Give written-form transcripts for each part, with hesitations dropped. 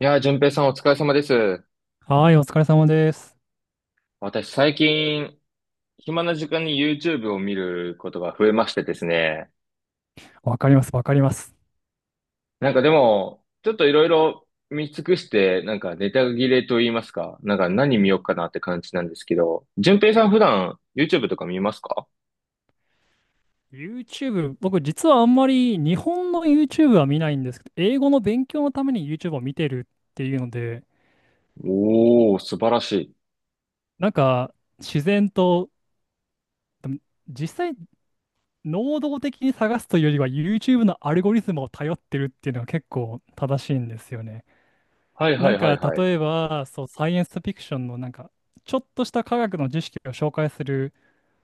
いやー、淳平さんお疲れ様です。はい、お疲れ様です。私最近、暇な時間に YouTube を見ることが増えましてですね。わかります、わかります。なんかでも、ちょっといろいろ見尽くして、なんかネタ切れと言いますか、なんか何見ようかなって感じなんですけど、淳平さん普段 YouTube とか見ますか？ YouTube、僕実はあんまり日本の YouTube は見ないんですけど、英語の勉強のために YouTube を見てるっていうので、おー、素晴らしい。なんか自然と実際能動的に探すというよりは YouTube のアルゴリズムを頼ってるっていうのが結構正しいんですよね。はいはなんいはかいはい。う例えば、そう、サイエンスフィクションのちょっとした科学の知識を紹介する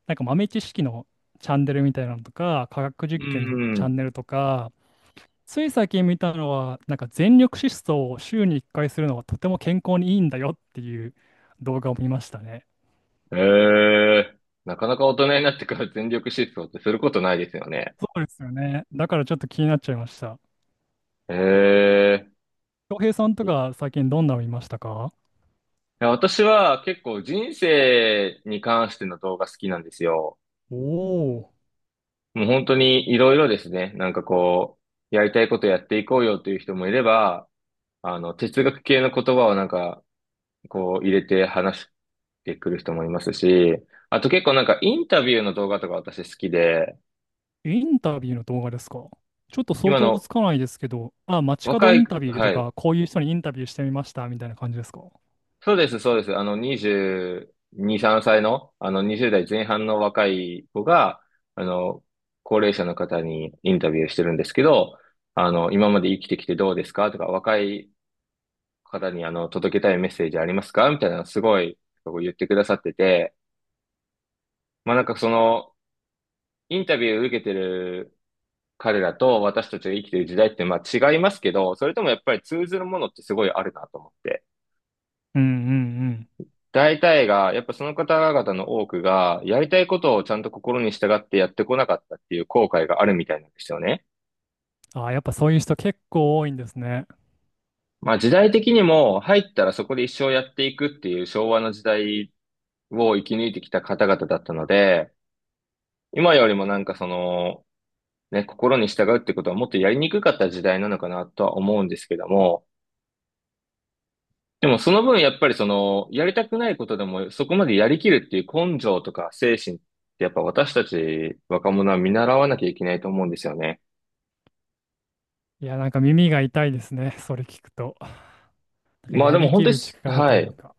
豆知識のチャンネルみたいなのとか、科学実ー験のチャンん。ネルとか、つい最近見たのは、なんか全力疾走を週に1回するのはとても健康にいいんだよっていう動画を見ましたね。えー、なかなか大人になってから全力疾走ってすることないですよね。そうですよね。だからちょっと気になっちゃいました。えー。恭平さんとか最近どんなの見ましたか？や、私は結構人生に関しての動画好きなんですよ。おおもう本当にいろいろですね。なんかこう、やりたいことやっていこうよという人もいれば、哲学系の言葉をなんか、こう入れて話してくる人もいますし、あと結構なんかインタビューの動画とか私好きで、ー、インタビューの動画ですか？ちょっと想今像つのかないですけど、あ、街角若イい、ンタビューはとい、か、こういう人にインタビューしてみましたみたいな感じですか？そうです、そうです。22、3歳の、20代前半の若い子が、あの、高齢者の方にインタビューしてるんですけど、今まで生きてきてどうですかとか、若い方に、届けたいメッセージありますかみたいな、すごい、こう言ってくださってて、まあ、なんかインタビューを受けてる彼らと私たちが生きてる時代って、まあ、違いますけど、それともやっぱり通ずるものってすごいあるなと思って。うんうん大体が、やっぱその方々の多くが、やりたいことをちゃんと心に従ってやってこなかったっていう後悔があるみたいなんですよね。うん。あ、やっぱそういう人結構多いんですね。まあ時代的にも入ったらそこで一生やっていくっていう昭和の時代を生き抜いてきた方々だったので、今よりもなんかね、心に従うってことはもっとやりにくかった時代なのかなとは思うんですけども、でもその分やっぱりやりたくないことでもそこまでやりきるっていう根性とか精神ってやっぱ私たち若者は見習わなきゃいけないと思うんですよね。いや、なんか耳が痛いですね。それ聞くと。なんかまあやでもり本き当にる力とはいうい。か。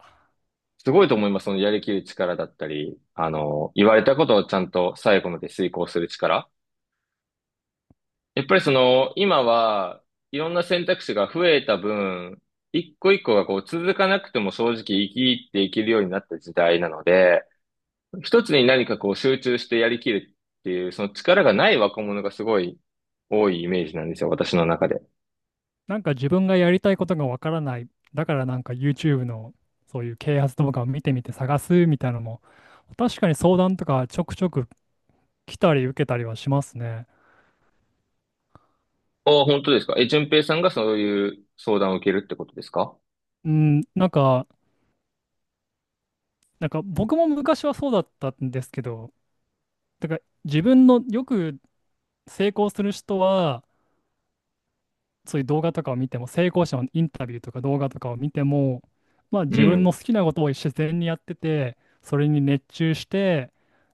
すごいと思います。そのやりきる力だったり、言われたことをちゃんと最後まで遂行する力。やっぱり今はいろんな選択肢が増えた分、一個一個がこう続かなくても正直生きていけるようになった時代なので、一つに何かこう集中してやりきるっていう、その力がない若者がすごい多いイメージなんですよ、私の中で。なんか自分がやりたいことがわからない。だからなんか YouTube のそういう啓発動画を見てみて探すみたいなのも、確かに相談とかちょくちょく来たり受けたりはしますね。ああ、本当ですか。え、淳平さんがそういう相談を受けるってことですか？うん、なんか、なんか僕も昔はそうだったんですけど、だから自分のよく成功する人は、そういう動画とかを見ても、成功者のインタビューとか動画とかを見ても、まあう自分のん、好きなことを自然にやってて、それに熱中して、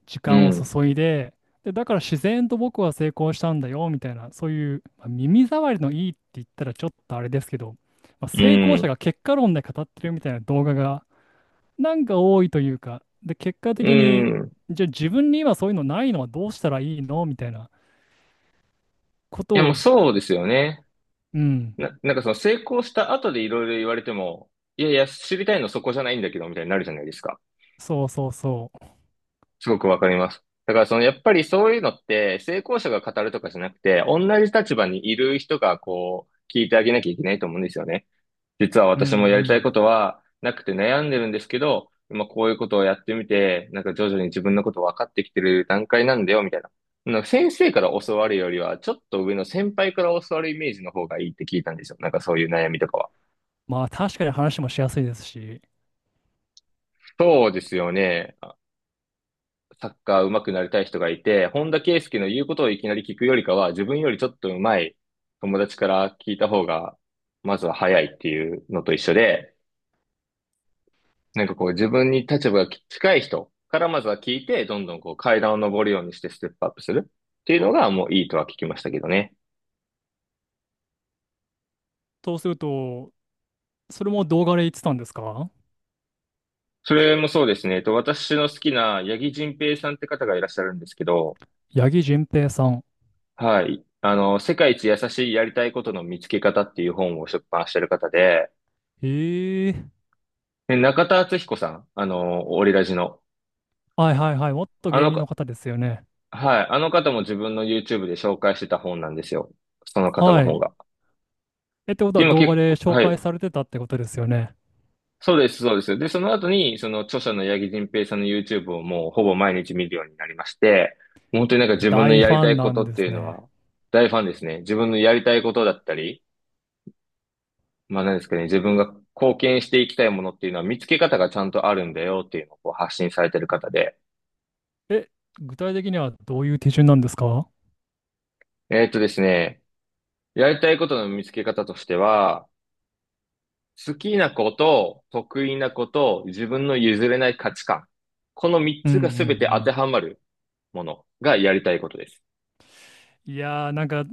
時う間をん、注いで、で、だから自然と僕は成功したんだよ、みたいな、そういう、まあ耳障りのいいって言ったらちょっとあれですけど、まあ、う成功者ん、が結果論で語ってるみたいな動画が、なんか多いというか、で、結果う的に、ん。いじゃあ自分に今そういうのないのはどうしたらいいのみたいなことや、もうを、そうですよね。うん、なんかその成功した後でいろいろ言われても、いやいや、知りたいのそこじゃないんだけど、みたいになるじゃないですか。そうそうそすごくわかります。だからやっぱりそういうのって成功者が語るとかじゃなくて、同じ立場にいる人がこう聞いてあげなきゃいけないと思うんですよね。実はう。う私もやりたいん、ことはなくて悩んでるんですけど、まあこういうことをやってみて、なんか徐々に自分のこと分かってきてる段階なんだよ、みたいな。なんか先生から教わるよりは、ちょっと上の先輩から教わるイメージの方がいいって聞いたんですよ。なんかそういう悩みとかは。まあ確かに話もしやすいですし、そうですよね。サッカー上手くなりたい人がいて、本田圭佑の言うことをいきなり聞くよりかは、自分よりちょっと上手い友達から聞いた方が、まずは早いっていうのと一緒で、なんかこう自分に立場が近い人からまずは聞いて、どんどんこう階段を上るようにしてステップアップするっていうのがもういいとは聞きましたけどね。そうすると、それも動画で言ってたんですか？それもそうですね。私の好きな八木仁平さんって方がいらっしゃるんですけど、八木純平さん。はい。世界一優しいやりたいことの見つけ方っていう本を出版してる方で、ええ、中田敦彦さん、オリラジの。はいはいはい。もっとあ芸の人のか、方ですよね。はい、あの方も自分の YouTube で紹介してた本なんですよ。その方はの本い。が。え、ってことは今動画結で構、紹は介い。されてたってことですよね。そうです、そうです。で、その後に、その著者の八木仁平さんの YouTube をもうほぼ毎日見るようになりまして、もう本当になんか自分の大フやりァたンいこなんとっでてすいうのね。は大ファンですね。自分のやりたいことだったり、まあ何ですかね、自分が貢献していきたいものっていうのは見つけ方がちゃんとあるんだよっていうのをこう発信されてる方で。え、具体的にはどういう手順なんですか？ですね、やりたいことの見つけ方としては、好きなこと、得意なこと、自分の譲れない価値観。この3うんうつが全て当んてはまるものがやりたいことです。うん。いやー、なんか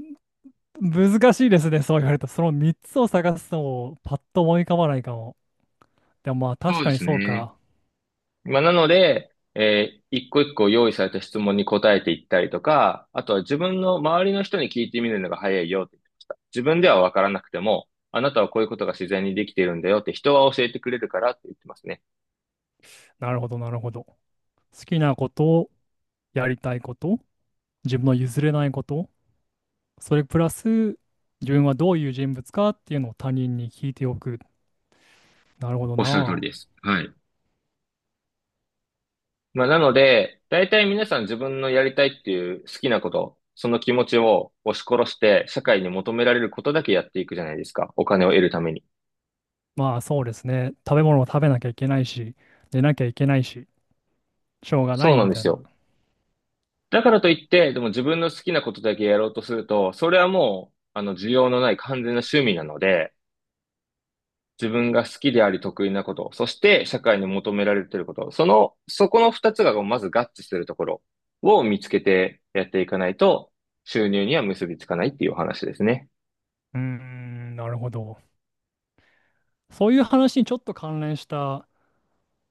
難しいですね、そう言われた。その3つを探すのをパッと思い浮かばないかも。でもまあ確そうでかにすそうね。か。まあ、なので、一個一個用意された質問に答えていったりとか、あとは自分の周りの人に聞いてみるのが早いよって言ってました。自分ではわからなくても、あなたはこういうことが自然にできているんだよって人は教えてくれるからって言ってますね。なるほど、なるほど。好きなこと、やりたいこと、自分の譲れないこと、それプラス自分はどういう人物かっていうのを他人に聞いておく。なるほどおっしゃる通りな。です。はい。まあ、なので、大体皆さん自分のやりたいっていう好きなこと、その気持ちを押し殺して、社会に求められることだけやっていくじゃないですか。お金を得るために。まあそうですね。食べ物を食べなきゃいけないし、寝なきゃいけないし、しょうがなそういなんみでたいすな。うよ。だからといって、でも自分の好きなことだけやろうとすると、それはもう、需要のない完全な趣味なので、自分が好きであり得意なこと、そして社会に求められていること、そこの二つがまず合致するところを見つけてやっていかないと、収入には結びつかないっていうお話ですね。ーん、なるほど。そういう話にちょっと関連した、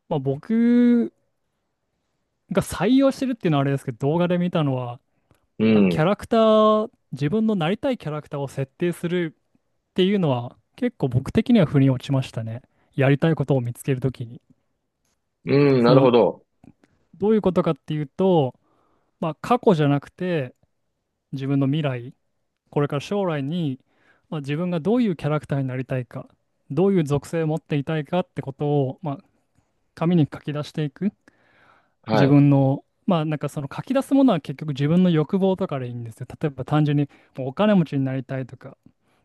まあ、僕が採用してるっていうのはあれですけど、動画で見たのは、うまあ、キャん。ラクター、自分のなりたいキャラクターを設定するっていうのは、結構僕的には腑に落ちましたね。やりたいことを見つけるときに。うん、そなるの、ほど。どういうことかっていうと、まあ、過去じゃなくて、自分の未来、これから将来に、まあ、自分がどういうキャラクターになりたいか、どういう属性を持っていたいかってことを、まあ、紙に書き出していく。は自い。分の、まあなんかその書き出すものは結局自分の欲望とかでいいんですよ。例えば単純にもうお金持ちになりたいとか、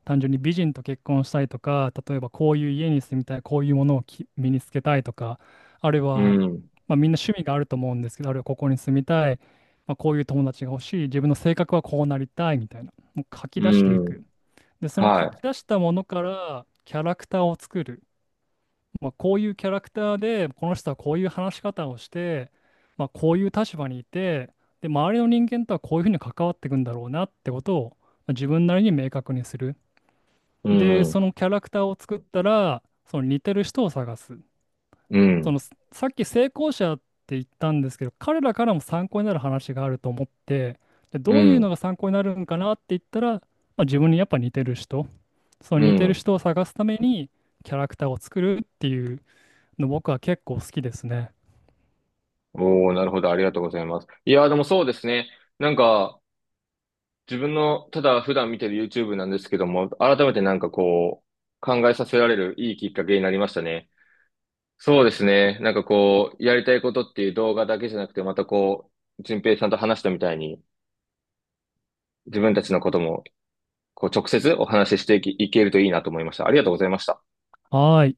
単純に美人と結婚したいとか、例えばこういう家に住みたい、こういうものをき身につけたいとか、あるいうは、ん、まあ、みんな趣味があると思うんですけど、あるいはここに住みたい、まあ、こういう友達が欲しい、自分の性格はこうなりたいみたいな、もう書きう出していん、く。で、その書きは出したものからキャラクターを作る。まあ、こういうキャラクターで、この人はこういう話し方をして、まあ、こういう立場にいて、で、周りの人間とはこういうふうに関わっていくんだろうなってことを、まあ自分なりに明確にする。い。うで、そん、のキャラクターを作ったら、その似てる人を探す。うその、ん、さっき成功者って言ったんですけど、彼らからも参考になる話があると思って、で、うどういうのがん、参考になるんかなって言ったら、まあ、自分にやっぱ似てる人、そのう似てるん。人を探すためにキャラクターを作るっていう。の僕は結構好きですね。おー、なるほど。ありがとうございます。いやー、でもそうですね。なんか、自分の、ただ普段見てる YouTube なんですけども、改めてなんかこう、考えさせられるいいきっかけになりましたね。そうですね。なんかこう、やりたいことっていう動画だけじゃなくて、またこう、順平さんと話したみたいに、自分たちのことも、こう、直接お話ししていきいけるといいなと思いました。ありがとうございました。はーい。